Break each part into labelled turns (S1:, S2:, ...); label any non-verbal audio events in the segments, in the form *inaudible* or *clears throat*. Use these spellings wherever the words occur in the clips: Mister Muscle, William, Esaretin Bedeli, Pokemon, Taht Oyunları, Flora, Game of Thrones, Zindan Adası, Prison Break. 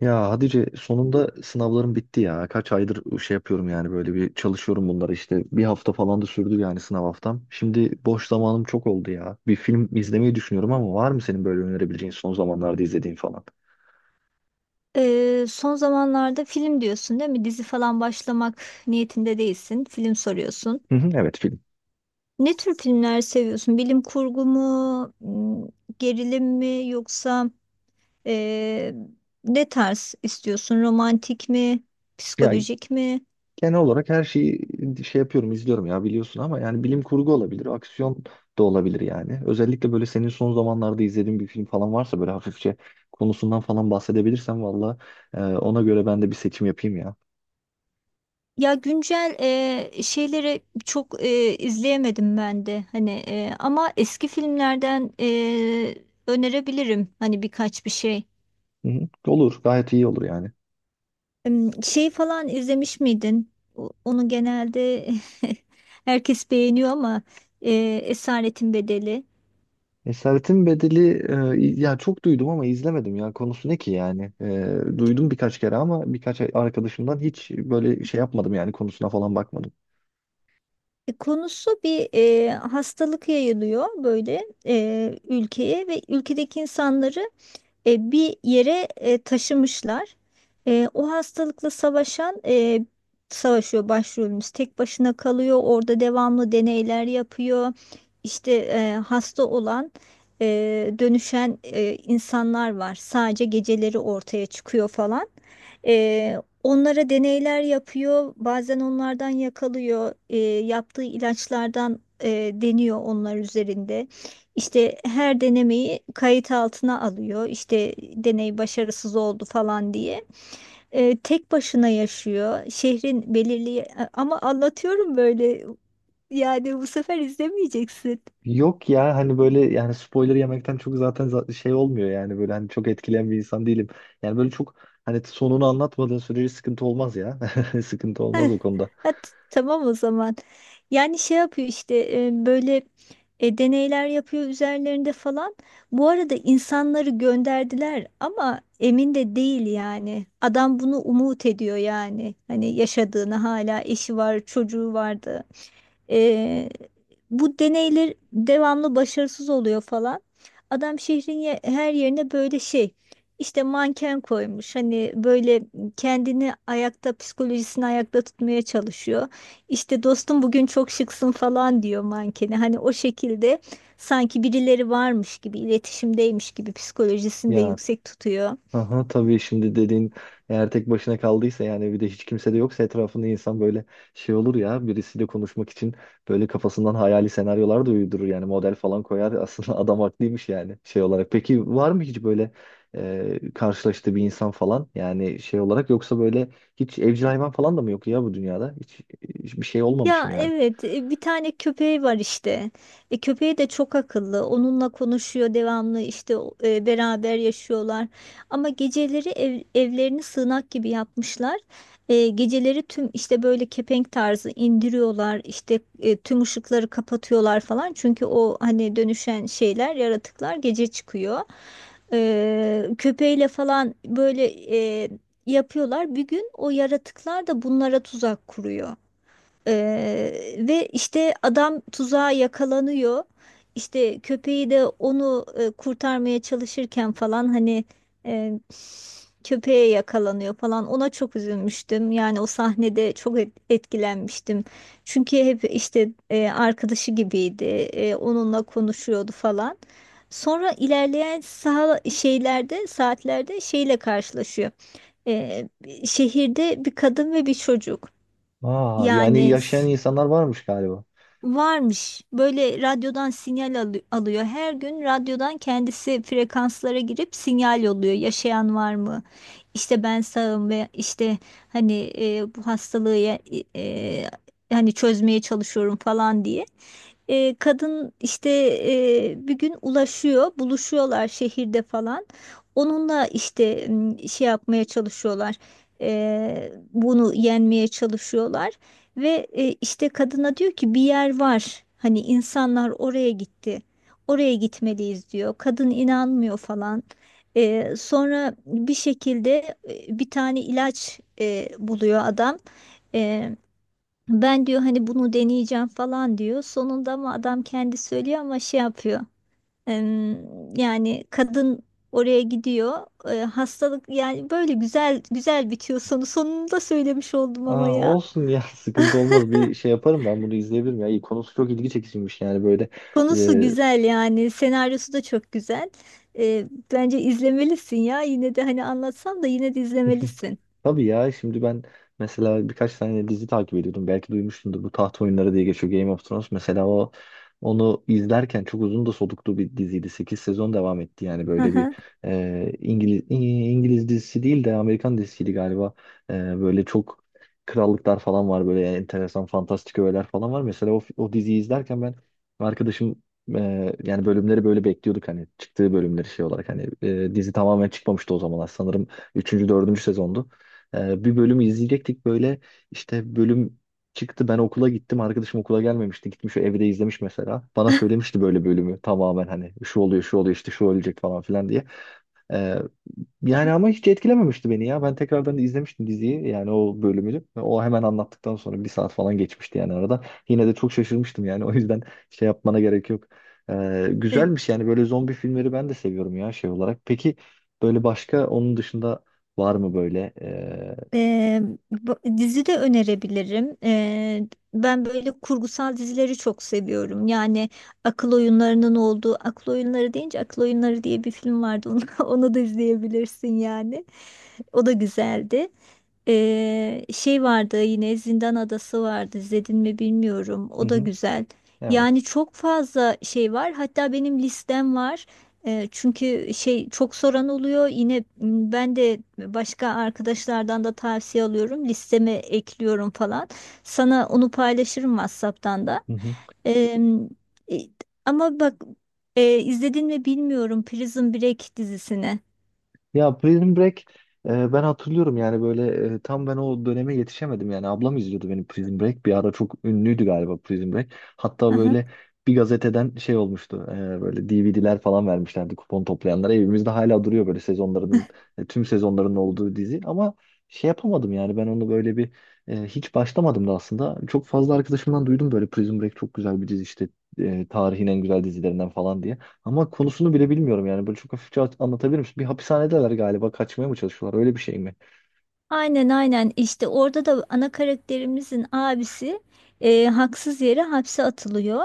S1: Ya Hatice, sonunda sınavlarım bitti ya. Kaç aydır şey yapıyorum yani, böyle bir çalışıyorum bunları işte. Bir hafta falan da sürdü yani, sınav haftam. Şimdi boş zamanım çok oldu ya. Bir film izlemeyi düşünüyorum ama var mı senin böyle önerebileceğin, son zamanlarda izlediğin falan?
S2: Son zamanlarda film diyorsun değil mi? Dizi falan başlamak niyetinde değilsin. Film soruyorsun.
S1: Hı hı, evet, film.
S2: Ne tür filmler seviyorsun? Bilim kurgu mu, gerilim mi yoksa ee, ne tarz istiyorsun? Romantik mi,
S1: Ya
S2: psikolojik mi?
S1: genel olarak her şeyi şey yapıyorum, izliyorum ya, biliyorsun, ama yani bilim kurgu olabilir, aksiyon da olabilir yani. Özellikle böyle senin son zamanlarda izlediğin bir film falan varsa, böyle hafifçe konusundan falan bahsedebilirsen, valla ona göre ben de bir seçim yapayım ya.
S2: Ya güncel şeyleri çok izleyemedim ben de. Hani ama eski filmlerden önerebilirim hani birkaç bir şey.
S1: Hı hı. Olur. Gayet iyi olur yani.
S2: Şey falan izlemiş miydin? Onu genelde *laughs* herkes beğeniyor ama e, Esaretin Bedeli.
S1: Esaretin Bedeli. Ya, çok duydum ama izlemedim ya. Konusu ne ki yani? Duydum birkaç kere ama birkaç arkadaşımdan, hiç böyle şey yapmadım yani, konusuna falan bakmadım.
S2: Konusu bir hastalık yayılıyor böyle ülkeye ve ülkedeki insanları bir yere taşımışlar. O hastalıkla savaşan savaşıyor başrolümüz. Tek başına kalıyor. Orada devamlı deneyler yapıyor. İşte hasta olan e, dönüşen insanlar var. Sadece geceleri ortaya çıkıyor falan. E, onlara deneyler yapıyor. Bazen onlardan yakalıyor. Yaptığı ilaçlardan deniyor onlar üzerinde. İşte her denemeyi kayıt altına alıyor. İşte deney başarısız oldu falan diye. Tek başına yaşıyor. Şehrin belirli ama anlatıyorum böyle. Yani bu sefer izlemeyeceksin.
S1: Yok ya, hani böyle yani spoiler yemekten çok, zaten şey olmuyor yani, böyle hani çok etkileyen bir insan değilim. Yani böyle çok, hani sonunu anlatmadığın sürece sıkıntı olmaz ya. *laughs* Sıkıntı olmaz o konuda.
S2: *laughs* Ha, tamam o zaman. Yani şey yapıyor işte böyle deneyler yapıyor üzerlerinde falan. Bu arada insanları gönderdiler ama emin de değil yani. Adam bunu umut ediyor yani. Hani yaşadığını hala eşi var, çocuğu vardı. E, bu deneyler devamlı başarısız oluyor falan. Adam şehrin her yerine böyle şey işte manken koymuş. Hani böyle kendini ayakta, psikolojisini ayakta tutmaya çalışıyor. İşte dostum bugün çok şıksın falan diyor mankeni. Hani o şekilde sanki birileri varmış gibi, iletişimdeymiş gibi psikolojisini de
S1: Ya,
S2: yüksek tutuyor.
S1: aha, tabii, şimdi dediğin, eğer tek başına kaldıysa yani, bir de hiç kimse de yoksa etrafında insan, böyle şey olur ya, birisiyle konuşmak için böyle kafasından hayali senaryolar da uydurur yani, model falan koyar. *laughs* Aslında adam haklıymış yani, şey olarak. Peki var mı hiç böyle karşılaştığı bir insan falan, yani şey olarak? Yoksa böyle hiç evcil hayvan falan da mı yok ya, bu dünyada hiç, hiç bir şey olmamış mı
S2: Ya
S1: yani?
S2: evet, bir tane köpeği var işte. E, köpeği de çok akıllı. Onunla konuşuyor devamlı işte beraber yaşıyorlar. Ama geceleri evlerini sığınak gibi yapmışlar. Geceleri tüm işte böyle kepenk tarzı indiriyorlar. İşte tüm ışıkları kapatıyorlar falan. Çünkü o hani dönüşen şeyler, yaratıklar gece çıkıyor. Köpeğiyle falan böyle e, yapıyorlar. Bir gün o yaratıklar da bunlara tuzak kuruyor. Ve işte adam tuzağa yakalanıyor. İşte köpeği de onu kurtarmaya çalışırken falan hani e, köpeğe yakalanıyor falan. Ona çok üzülmüştüm. Yani o sahnede çok etkilenmiştim. Çünkü hep işte arkadaşı gibiydi. E, onunla konuşuyordu falan. Sonra ilerleyen sağ şeylerde saatlerde şeyle karşılaşıyor. E, Şehirde bir kadın ve bir çocuk.
S1: Aa, yani
S2: Yani
S1: yaşayan insanlar varmış galiba.
S2: varmış. Böyle radyodan alıyor. Her gün radyodan kendisi frekanslara girip sinyal yolluyor. Yaşayan var mı? İşte ben sağım ve işte hani bu hastalığı e, e, hani çözmeye çalışıyorum falan diye. Kadın işte bir gün ulaşıyor, buluşuyorlar şehirde falan. Onunla işte şey yapmaya çalışıyorlar. E, bunu yenmeye çalışıyorlar. Ve işte kadına diyor ki bir yer var. Hani insanlar oraya gitti. Oraya gitmeliyiz diyor. Kadın inanmıyor falan. Sonra bir şekilde bir tane ilaç buluyor adam. E, Ben diyor hani bunu deneyeceğim falan diyor. Sonunda ama adam kendi söylüyor ama şey yapıyor. Yani kadın oraya gidiyor. Hastalık yani böyle güzel güzel bitiyor sonu. Sonunu da söylemiş oldum ama
S1: Aa,
S2: ya.
S1: olsun ya. *laughs* Sıkıntı olmaz, bir şey yaparım, ben bunu izleyebilirim ya. İyi, konusu çok ilgi çekiciymiş yani, böyle.
S2: Konusu
S1: e,
S2: güzel yani senaryosu da çok güzel. Ee, Bence izlemelisin ya. Yine de hani anlatsam da yine de
S1: *laughs*
S2: izlemelisin.
S1: Tabii ya, şimdi ben mesela birkaç tane dizi takip ediyordum. Belki duymuşsundur, bu Taht Oyunları diye geçiyor, Game of Thrones. Mesela onu izlerken çok uzun da soluklu bir diziydi. Sekiz sezon devam etti yani,
S2: Hı
S1: böyle bir
S2: hı.
S1: İngiliz İngiliz dizisi değil de Amerikan dizisiydi galiba. Böyle çok krallıklar falan var, böyle enteresan fantastik öğeler falan var. Mesela o diziyi izlerken, ben, arkadaşım, e, yani bölümleri böyle bekliyorduk, hani çıktığı bölümleri, şey olarak, hani dizi tamamen çıkmamıştı o zamanlar sanırım. Üçüncü, dördüncü sezondu. Bir bölümü izleyecektik böyle. İşte bölüm çıktı. Ben okula gittim. Arkadaşım okula gelmemişti. Gitmiş, evde izlemiş mesela. Bana söylemişti böyle bölümü. Tamamen, hani şu oluyor, şu oluyor, işte şu ölecek falan filan diye. Ee, Yani ama hiç etkilememişti beni ya. Ben tekrardan izlemiştim diziyi yani, o bölümünü. O hemen anlattıktan sonra bir saat falan geçmişti yani arada. Yine de çok şaşırmıştım yani. *laughs* O yüzden şey yapmana gerek yok.
S2: Ee,
S1: Güzelmiş yani, böyle zombi filmleri ben de seviyorum ya, şey olarak. Peki, böyle başka onun dışında var mı böyle?
S2: e, Dizi de önerebilirim. Ben böyle kurgusal dizileri çok seviyorum. Yani akıl oyunlarının olduğu akıl oyunları deyince akıl oyunları diye bir film vardı. Onu, *laughs* onu da izleyebilirsin yani. O da güzeldi. Şey vardı yine Zindan Adası vardı. İzledin mi bilmiyorum.
S1: Hı
S2: O da
S1: hı,
S2: güzel. Yani
S1: evet.
S2: çok fazla şey var. Hatta benim listem var. Çünkü şey çok soran oluyor. Yine ben de başka arkadaşlardan da tavsiye alıyorum. Listeme ekliyorum falan. Sana onu paylaşırım WhatsApp'tan da.
S1: Hı hı.
S2: Ee, e, Ama bak, izledin mi bilmiyorum Prison Break dizisini.
S1: Ya, Prison Break. Ben hatırlıyorum yani, böyle tam ben o döneme yetişemedim yani, ablam izliyordu benim. Prison Break bir ara çok ünlüydü galiba. Prison Break, hatta böyle bir gazeteden şey olmuştu, böyle DVD'ler falan vermişlerdi kupon toplayanlara. Evimizde hala duruyor böyle sezonlarının, tüm sezonların olduğu dizi. Ama şey yapamadım yani, ben onu böyle bir hiç başlamadım da aslında. Çok fazla arkadaşımdan duydum, böyle Prison Break çok güzel bir dizi işte, tarihin en güzel dizilerinden falan diye. Ama konusunu bile bilmiyorum yani. Böyle çok hafifçe anlatabilir misin? Bir hapishanedeler galiba. Kaçmaya mı çalışıyorlar? Öyle bir şey mi?
S2: Aynen, aynen, işte orada da ana karakterimizin abisi haksız yere hapse atılıyor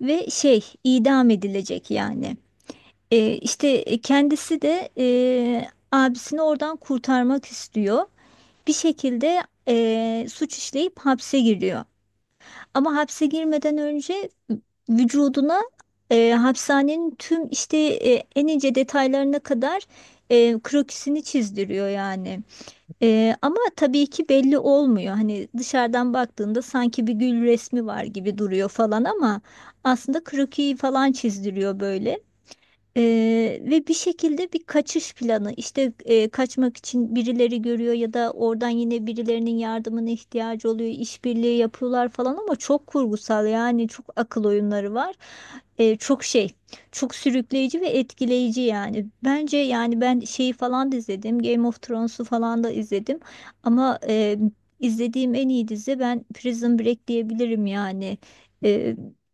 S2: ve şey idam edilecek yani. Kendisi de abisini oradan kurtarmak istiyor. Bir şekilde suç işleyip hapse giriyor. Ama hapse girmeden önce vücuduna hapishanenin tüm işte en ince detaylarına kadar krokisini çizdiriyor yani. Ama tabii ki belli olmuyor. Hani dışarıdan baktığında sanki bir gül resmi var gibi duruyor falan ama aslında krokiyi falan çizdiriyor böyle. Ve bir şekilde bir kaçış planı işte, kaçmak için birileri görüyor ya da oradan yine birilerinin yardımına ihtiyacı oluyor, işbirliği yapıyorlar falan ama çok kurgusal yani, çok akıl oyunları var. Ee, çok şey Çok sürükleyici ve etkileyici yani bence. Yani ben şeyi falan da izledim, Game of Thrones'u falan da izledim ama izlediğim en iyi dizi ben Prison Break diyebilirim yani.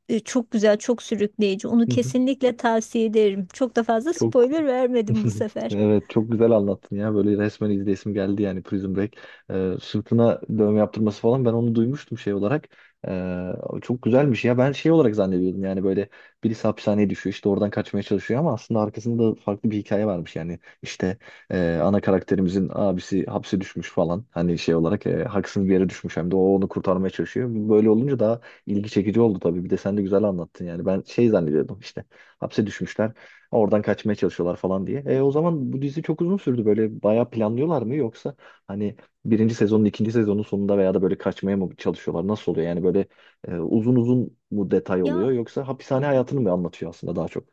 S2: E, Çok güzel, çok sürükleyici. Onu
S1: Hı hı.
S2: kesinlikle tavsiye ederim. Çok da fazla
S1: Çok,
S2: spoiler vermedim bu
S1: *laughs*
S2: sefer.
S1: evet çok güzel anlattın ya, böyle resmen izleyesim geldi yani, Prison Break. Sırtına dövme yaptırması falan, ben onu duymuştum şey olarak. Ee, Çok güzelmiş ya. Ben şey olarak zannediyordum yani, böyle birisi hapishaneye düşüyor, işte oradan kaçmaya çalışıyor, ama aslında arkasında da farklı bir hikaye varmış yani, işte ana karakterimizin abisi hapse düşmüş falan, hani şey olarak haksız bir yere düşmüş, hem de o onu kurtarmaya çalışıyor. Böyle olunca daha ilgi çekici oldu tabii, bir de sen de güzel anlattın yani. Ben şey zannediyordum işte, hapse düşmüşler, oradan kaçmaya çalışıyorlar falan diye. O zaman bu dizi çok uzun sürdü. Böyle bayağı planlıyorlar mı, yoksa hani birinci sezonun, ikinci sezonun sonunda veya da böyle kaçmaya mı çalışıyorlar? Nasıl oluyor? Yani böyle uzun uzun mu detay
S2: Ya,
S1: oluyor, yoksa hapishane hayatını mı anlatıyor aslında, daha çok?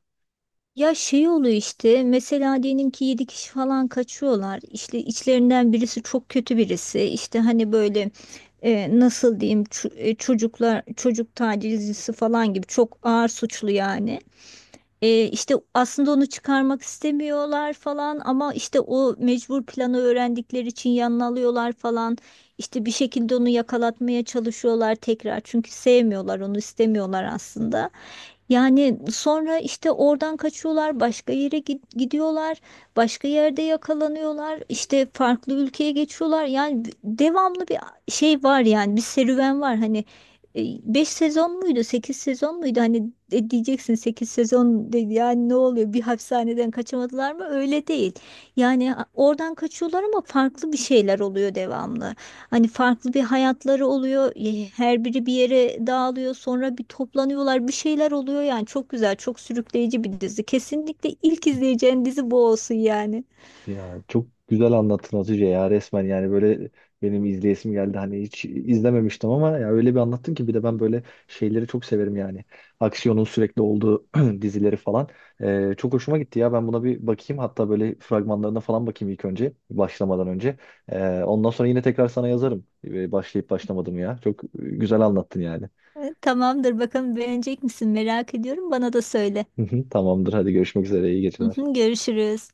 S2: ya şey oluyor işte. Mesela diyelim ki 7 kişi falan kaçıyorlar. İşte içlerinden birisi çok kötü birisi. İşte hani böyle nasıl diyeyim, çocuk tacizcisi falan gibi çok ağır suçlu yani. İşte aslında onu çıkarmak istemiyorlar falan ama işte o mecbur planı öğrendikleri için yanına alıyorlar falan. İşte bir şekilde onu yakalatmaya çalışıyorlar tekrar çünkü sevmiyorlar onu, istemiyorlar aslında. Yani sonra işte oradan kaçıyorlar, başka yere gidiyorlar, başka yerde yakalanıyorlar, işte farklı ülkeye geçiyorlar. Yani devamlı bir şey var yani, bir serüven var. Hani e, 5 sezon muydu, 8 sezon muydu? Hani diyeceksin 8 sezon dedi yani ne oluyor? Bir hapishaneden kaçamadılar mı? Öyle değil. Yani oradan kaçıyorlar ama farklı bir şeyler oluyor devamlı. Hani farklı bir hayatları oluyor. Her biri bir yere dağılıyor. Sonra bir toplanıyorlar. Bir şeyler oluyor yani. Çok güzel, çok sürükleyici bir dizi. Kesinlikle ilk izleyeceğin dizi bu olsun yani.
S1: Ya çok güzel anlattın Hatice ya, resmen yani böyle benim izleyesim geldi. Hani hiç izlememiştim ama ya, öyle bir anlattın ki. Bir de ben böyle şeyleri çok severim yani, aksiyonun sürekli olduğu *clears throat* dizileri falan. Çok hoşuma gitti ya, ben buna bir bakayım, hatta böyle fragmanlarına falan bakayım ilk önce, başlamadan önce. Ondan sonra yine tekrar sana yazarım, başlayıp başlamadım. Ya çok güzel anlattın yani.
S2: Tamamdır. Bakalım beğenecek misin? Merak ediyorum. Bana da söyle.
S1: *laughs* Tamamdır, hadi görüşmek üzere, iyi
S2: Hı
S1: geceler.
S2: hı, görüşürüz.